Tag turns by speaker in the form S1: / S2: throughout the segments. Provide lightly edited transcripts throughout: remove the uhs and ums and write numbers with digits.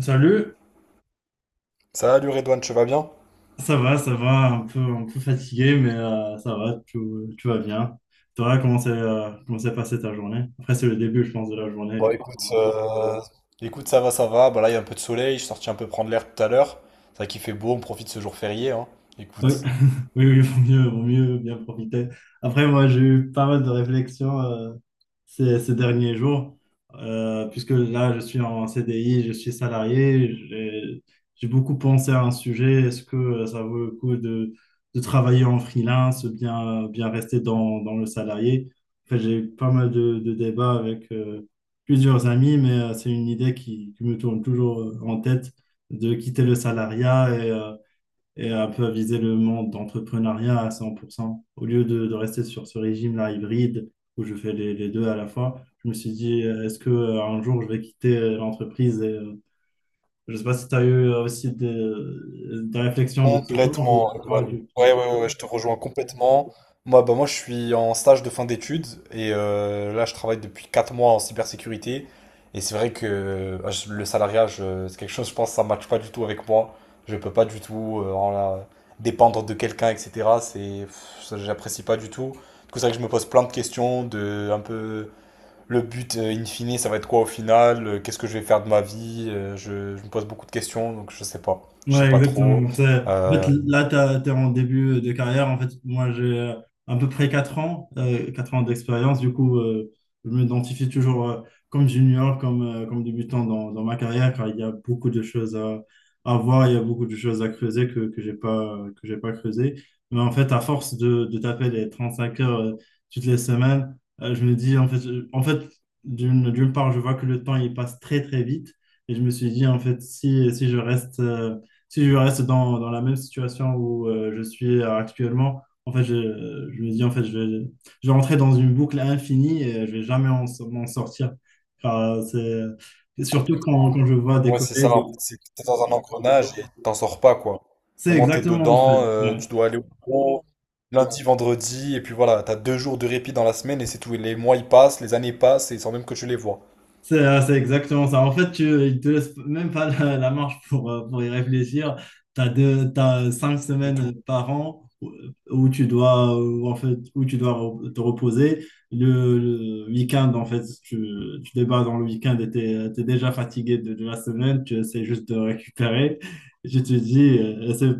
S1: Salut,
S2: Salut Redouane, tu vas bien?
S1: ça va, un peu fatigué, mais ça va, tout va bien. Toi, comment s'est passée ta journée? Après, c'est le début, je pense, de la journée
S2: Bon
S1: du
S2: écoute ça va, ça va. Bah là il y a un peu de soleil, je suis sorti un peu prendre l'air tout à l'heure. C'est vrai qu'il fait beau, on profite de ce jour férié, hein.
S1: coup.
S2: Écoute.
S1: Oui, oui, vaut mieux bien profiter. Après, moi, j'ai eu pas mal de réflexions ces derniers jours, puisque là, je suis en CDI, je suis salarié, j'ai beaucoup pensé à un sujet. Est-ce que ça vaut le coup de travailler en freelance, bien rester dans le salarié? Enfin, j'ai eu pas mal de débats avec plusieurs amis, mais c'est une idée qui me tourne toujours en tête de quitter le salariat et un peu à viser le monde d'entrepreneuriat à 100%. Au lieu de rester sur ce régime-là hybride où je fais les deux à la fois, je me suis dit, est-ce que un jour je vais quitter l'entreprise Je ne sais pas si tu as eu aussi des réflexions de ce genre ou
S2: Complètement,
S1: pas
S2: Redouane.
S1: du
S2: Ouais,
S1: tout.
S2: ouais, ouais, ouais, je te rejoins complètement. Moi, bah, moi, je suis en stage de fin d'études et là, je travaille depuis 4 mois en cybersécurité. Et c'est vrai que le salariat, c'est quelque chose, je pense, ça ne matche pas du tout avec moi. Je peux pas du tout dépendre de quelqu'un, etc. C'est, pff, ça, j'apprécie pas du tout. Du coup, c'est vrai que je me pose plein de questions, de un peu le but, in fine, ça va être quoi au final? Qu'est-ce que je vais faire de ma vie? Je me pose beaucoup de questions, donc je sais pas. Je
S1: Ouais,
S2: sais pas trop.
S1: exactement. En
S2: Euh,
S1: fait, là, t'es en début de carrière. En fait, moi, j'ai à peu près 4 ans, 4 ans d'expérience. Du coup, je m'identifie toujours comme junior, comme débutant dans ma carrière, car il y a beaucoup de choses à voir, il y a beaucoup de choses à creuser que j'ai pas creusé. Mais en fait, à force de taper les 5 heures toutes les semaines, je me dis, en fait, en fait, d'une part, je vois que le temps, il passe très, très vite. Et je me suis dit, en fait, si je reste dans la même situation où je suis actuellement, en fait, je me dis, en fait, je vais rentrer dans une boucle infinie et je vais jamais m'en sortir. Car, surtout quand,
S2: complètement.
S1: quand je vois des
S2: Ouais, c'est ça.
S1: collègues.
S2: En fait, c'est que t'es dans un engrenage et t'en sors pas, quoi.
S1: C'est
S2: Vraiment, t'es
S1: exactement, en fait.
S2: dedans,
S1: Ouais.
S2: tu dois aller au pro lundi, vendredi, et puis voilà, t'as 2 jours de répit dans la semaine et c'est tout. Et les mois, ils passent, les années passent, et sans même que tu les vois.
S1: C'est exactement ça. En fait, ils te laissent même pas la marge pour y réfléchir. T'as cinq
S2: Du tout.
S1: semaines par an où où tu dois te reposer. Le week-end, en fait, tu débats dans le week-end et tu es déjà fatigué de la semaine. Tu essaies juste de récupérer. Je te dis, euh, c'est-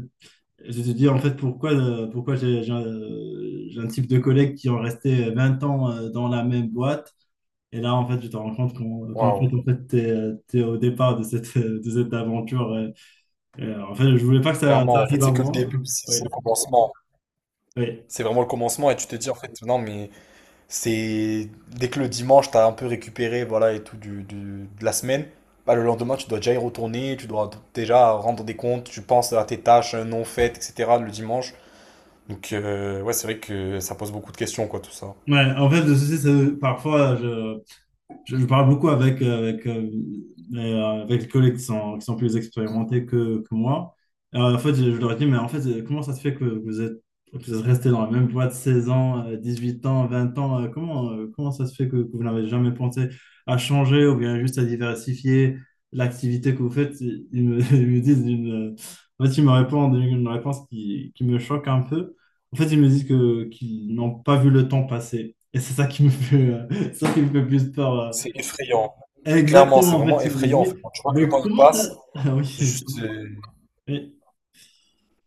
S1: je te dis en fait, pourquoi j'ai un type de collègues qui ont resté 20 ans dans la même boîte et là, en fait, tu te rends compte qu'en qu'en fait,
S2: Waouh.
S1: en fait, t'es au départ de cette aventure. En fait, je voulais pas que ça
S2: Clairement, en
S1: arrive
S2: fait,
S1: à
S2: c'est que le
S1: moi.
S2: début, c'est le
S1: Oui,
S2: commencement.
S1: oui.
S2: C'est vraiment le commencement, et tu te dis, en fait, non, mais c'est dès que le dimanche, tu as un peu récupéré voilà, et tout de la semaine, bah, le lendemain, tu dois déjà y retourner, tu dois déjà rendre des comptes, tu penses à tes tâches non faites, etc. le dimanche. Donc, ouais, c'est vrai que ça pose beaucoup de questions, quoi, tout ça.
S1: Ouais, en fait, le souci, c'est que parfois, je parle beaucoup avec les collègues qui sont plus expérimentés que moi. En fait, je leur dis, mais en fait, comment ça se fait que vous êtes resté dans la même boîte 16 ans, 8 ans, 20 ans? Comment ça se fait que vous n'avez jamais pensé à changer ou bien juste à diversifier l'activité que vous faites? Ils me répondent une réponse qui me choque un peu. En fait, ils me disent qu'ils n'ont pas vu le temps passer. Et c'est ça qui me fait, ça qui me fait plus peur.
S2: C'est effrayant. Mais clairement, c'est
S1: Exactement, en fait,
S2: vraiment
S1: tu te
S2: effrayant, en
S1: dis,
S2: fait. Quand tu vois que le
S1: mais
S2: temps, il
S1: comment t'as.
S2: passe,
S1: Ah oui.
S2: juste.
S1: Oui.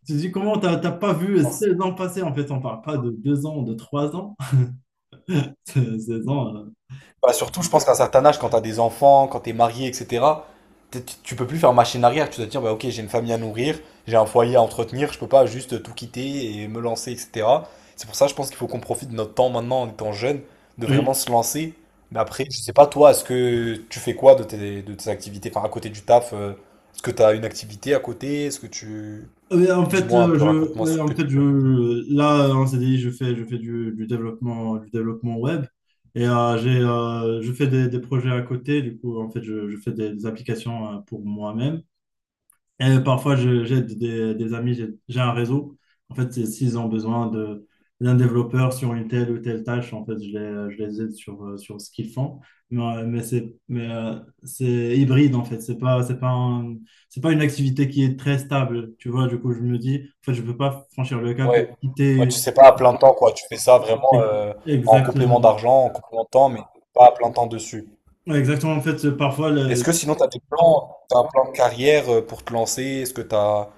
S1: Tu te dis, comment t'as pas vu 16 ans passer? En fait, on parle pas de 2 ans, de 3 ans. 16 ans,
S2: Bah, surtout, je pense qu'à un certain âge, quand t'as des enfants, quand t'es marié, etc., tu peux plus faire machine arrière. Tu dois te dire, bah, ok, j'ai une famille à nourrir, j'ai un foyer à entretenir, je peux pas juste tout quitter et me lancer, etc. C'est pour ça, je pense qu'il faut qu'on profite de notre temps maintenant en étant jeune, de vraiment
S1: oui.
S2: se lancer. Mais après, je sais pas, toi, est-ce que tu fais quoi de tes, activités? Enfin, à côté du taf, est-ce que t'as une activité à côté? Est-ce que tu.
S1: Oui, en fait,
S2: Dis-moi un peu, raconte-moi ce
S1: ouais,
S2: que
S1: en
S2: tu
S1: fait,
S2: fais.
S1: là, on s'est dit, je fais du développement, du développement web. Et je fais des projets à côté. Du coup, en fait, je fais des applications pour moi-même. Et parfois, j'aide des amis, j'ai un réseau. En fait, s'ils ont besoin d'un développeur sur une telle ou telle tâche, en fait, je les aide sur ce qu'ils font. Mais c'est hybride, en fait. C'est pas une activité qui est très stable. Tu vois, du coup, je me dis, en fait, je peux pas franchir le cap et
S2: Ouais. Ouais,
S1: quitter.
S2: tu sais pas à plein temps, quoi. Tu fais ça vraiment en complément
S1: Exactement.
S2: d'argent, en complément de temps, mais pas à plein temps dessus.
S1: Ouais, exactement, en fait, parfois,
S2: Est-ce que sinon, tu as des plans, t'as un plan de carrière pour te lancer? Est-ce que tu as.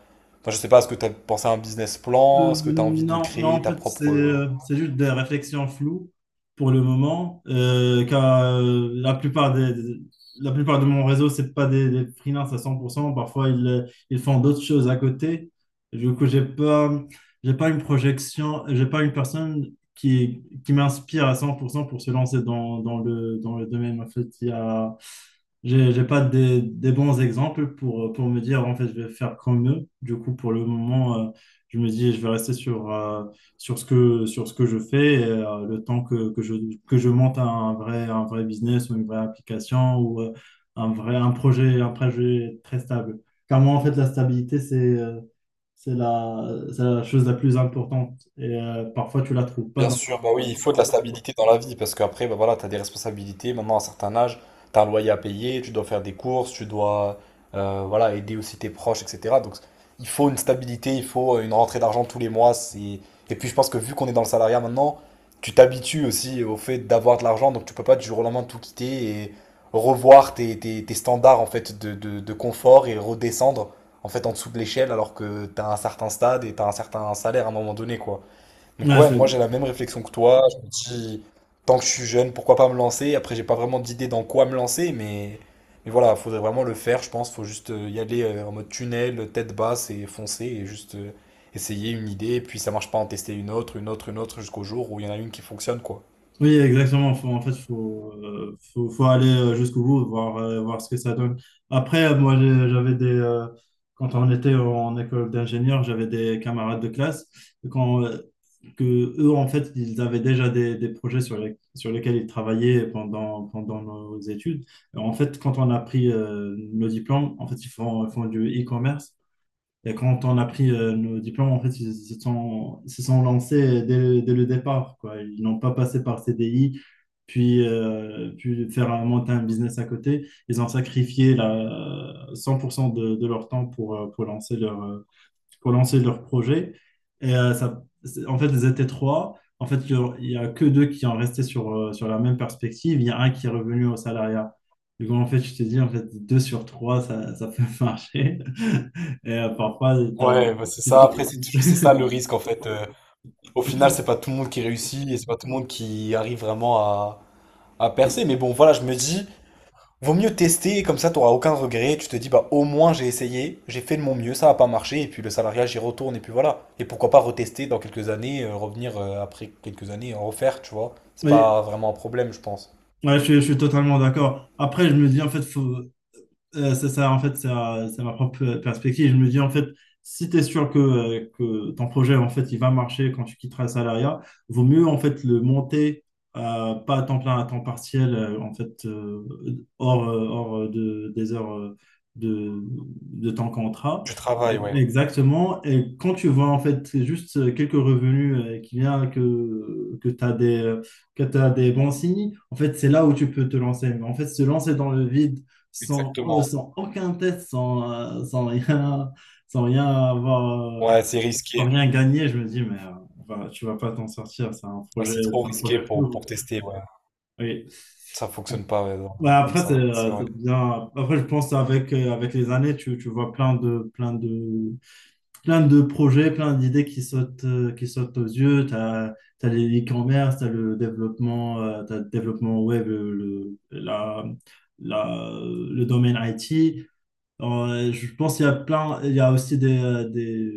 S2: Enfin, je sais pas, est-ce que tu as pensé à un business plan? Est-ce que tu as envie de
S1: Non, non,
S2: créer
S1: en
S2: ta
S1: fait, c'est
S2: propre.
S1: euh, c'est juste des réflexions floues pour le moment, car la plupart de mon réseau, c'est pas des freelances à cent pour cent. Parfois, ils font d'autres choses à côté. Du coup, j'ai pas une projection, j'ai pas une personne qui m'inspire à 100% pour se lancer dans, dans le domaine. En fait, j'ai pas des bons exemples pour me dire, en fait, je vais faire comme eux. Du coup, pour le moment, je me dis, je vais rester sur ce que je fais et, le temps que je monte un vrai business ou une vraie application ou un projet très stable. Car moi, en fait, la stabilité, c'est la, c'est la chose la plus importante. Et parfois, tu la trouves pas
S2: Bien
S1: dans.
S2: sûr, bah oui, il faut de la stabilité dans la vie parce qu'après, bah voilà, tu as des responsabilités. Maintenant, à un certain âge, tu as un loyer à payer, tu dois faire des courses, tu dois voilà, aider aussi tes proches, etc. Donc, il faut une stabilité, il faut une rentrée d'argent tous les mois. Et puis, je pense que vu qu'on est dans le salariat maintenant, tu t'habitues aussi au fait d'avoir de l'argent. Donc, tu peux pas du jour au lendemain tout quitter et revoir tes, tes standards en fait de, de confort et redescendre en fait en dessous de l'échelle alors que tu as un certain stade et tu as un certain salaire à un moment donné, quoi. Donc
S1: Ouais,
S2: ouais,
S1: c'est
S2: moi j'ai la même réflexion que toi. Je me dis, tant que je suis jeune, pourquoi pas me lancer? Après, j'ai pas vraiment d'idée dans quoi me lancer, mais, voilà, faudrait vraiment le faire, je pense. Faut juste y aller en mode tunnel, tête basse et foncer et juste essayer une idée. Et puis ça marche pas, en tester une autre, une autre, une autre, jusqu'au jour où il y en a une qui fonctionne, quoi.
S1: Oui, exactement. En fait, il faut aller jusqu'au bout, voir ce que ça donne. Après, moi, j'avais quand on était en école d'ingénieur, j'avais des camarades de classe quand, euh, que eux, en fait, ils avaient déjà des projets sur lesquels ils travaillaient pendant nos études. Et en fait, quand on a pris nos diplômes, en fait, ils font du e-commerce. Et quand on a pris nos diplômes, en fait, ils se sont lancés dès le départ, quoi. Ils n'ont pas passé par CDI, puis faire monter un business à côté. Ils ont sacrifié 100% de leur temps pour lancer leur projet. Et ça, en fait, ils étaient trois. En fait, il y a que deux qui en restaient sur la même perspective. Il y a un qui est revenu au salariat. Du coup, en fait, je te dis, en fait, deux sur trois, ça peut marcher. Et parfois,
S2: Ouais, bah, c'est ça. Après, c'est ça le risque en fait. Au final, c'est pas tout le monde qui réussit et c'est pas tout le monde qui arrive vraiment à, percer. Mais bon, voilà, je me dis, vaut mieux tester, comme ça t'auras aucun regret, tu te dis bah au moins j'ai essayé, j'ai fait de mon mieux, ça n'a pas marché, et puis le salariat j'y retourne, et puis voilà. Et pourquoi pas retester dans quelques années, revenir après quelques années, en refaire, tu vois. C'est
S1: Ouais,
S2: pas
S1: ouais,
S2: vraiment un problème, je pense.
S1: je suis totalement d'accord. Après, je me dis, en fait, c'est ça, en fait, c'est ma propre perspective. Je me dis, en fait, si tu es sûr que ton projet, en fait, il va marcher quand tu quitteras le salariat, vaut mieux, en fait, le monter, pas à temps plein, à temps partiel, en fait, hors des heures de, de ton contrat.
S2: Du travail, ouais,
S1: Exactement. Et quand tu vois, en fait, c'est juste quelques revenus qui viennent, que t'as des bons signes, en fait, c'est là où tu peux te lancer. Mais en fait, se lancer dans le vide, sans, euh,
S2: exactement.
S1: sans aucun test, euh, sans rien, sans rien avoir,
S2: Ouais, c'est
S1: sans
S2: risqué.
S1: rien gagner, je me dis, mais enfin, tu vas pas t'en sortir, c'est un
S2: Ouais,
S1: projet,
S2: c'est trop
S1: c'est un
S2: risqué
S1: projet
S2: pour,
S1: fou.
S2: pour tester, ouais.
S1: Oui.
S2: Ça fonctionne pas, ouais, non,
S1: Bah,
S2: comme
S1: après, c'est
S2: ça, c'est
S1: euh,
S2: vrai.
S1: c'est bien. Après, je pense avec les années, tu vois plein de projets, plein d'idées qui sautent aux yeux. Tu as les e-commerce, tu as le développement, t'as le développement web, le domaine IT. Alors, je pense qu'il y a plein, il y a aussi des, euh, des,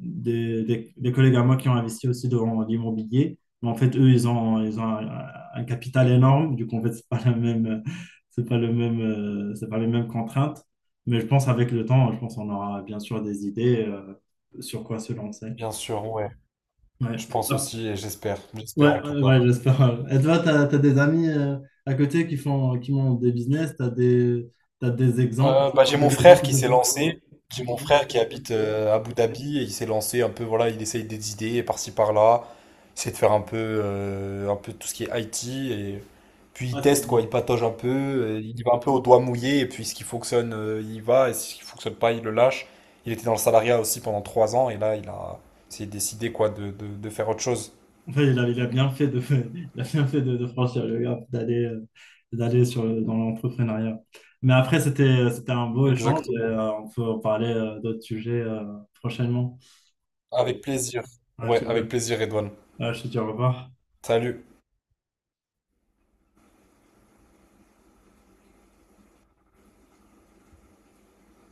S1: des, des- des collègues à moi qui ont investi aussi dans l'immobilier. Mais en fait, eux, ils ont un capital énorme. Du coup, en fait, c'est pas la même, c'est pas le même, c'est pas les mêmes contraintes. Mais je pense avec le temps, je pense qu'on aura bien sûr des idées sur quoi se lancer.
S2: Bien sûr, ouais.
S1: Ouais,
S2: Je pense
S1: ah,
S2: aussi et j'espère. J'espère
S1: ouais,
S2: en tout
S1: ouais,
S2: cas.
S1: ouais, j'espère. Et toi, tu as des amis à côté qui ont des business, t'as des exemples,
S2: Euh,
S1: tu
S2: bah, j'ai
S1: vois,
S2: mon
S1: des
S2: frère
S1: exemples
S2: qui
S1: de
S2: s'est
S1: bons clients?
S2: lancé. J'ai mon
S1: Ok.
S2: frère qui habite à Abu Dhabi et il s'est lancé un peu, voilà, il essaye des idées par-ci par-là. C'est de faire un peu tout ce qui est IT et puis il
S1: Ah, c'est
S2: teste
S1: bien.
S2: quoi, il patauge un peu, il y va un peu au doigt mouillé et puis ce qui fonctionne, il y va et ce qui fonctionne pas, il le lâche. Il était dans le salariat aussi pendant 3 ans et là il a, s'est décidé quoi de faire autre chose.
S1: Ouais, il a bien fait de, il a bien fait de franchir le gap, d'aller dans l'entrepreneuriat. Mais après, c'était un beau échange et
S2: Exactement.
S1: on peut en parler d'autres sujets prochainement.
S2: Avec plaisir.
S1: Ah, je te
S2: Ouais,
S1: dis,
S2: avec plaisir, Edouane.
S1: ah, je te dis au revoir.
S2: Salut.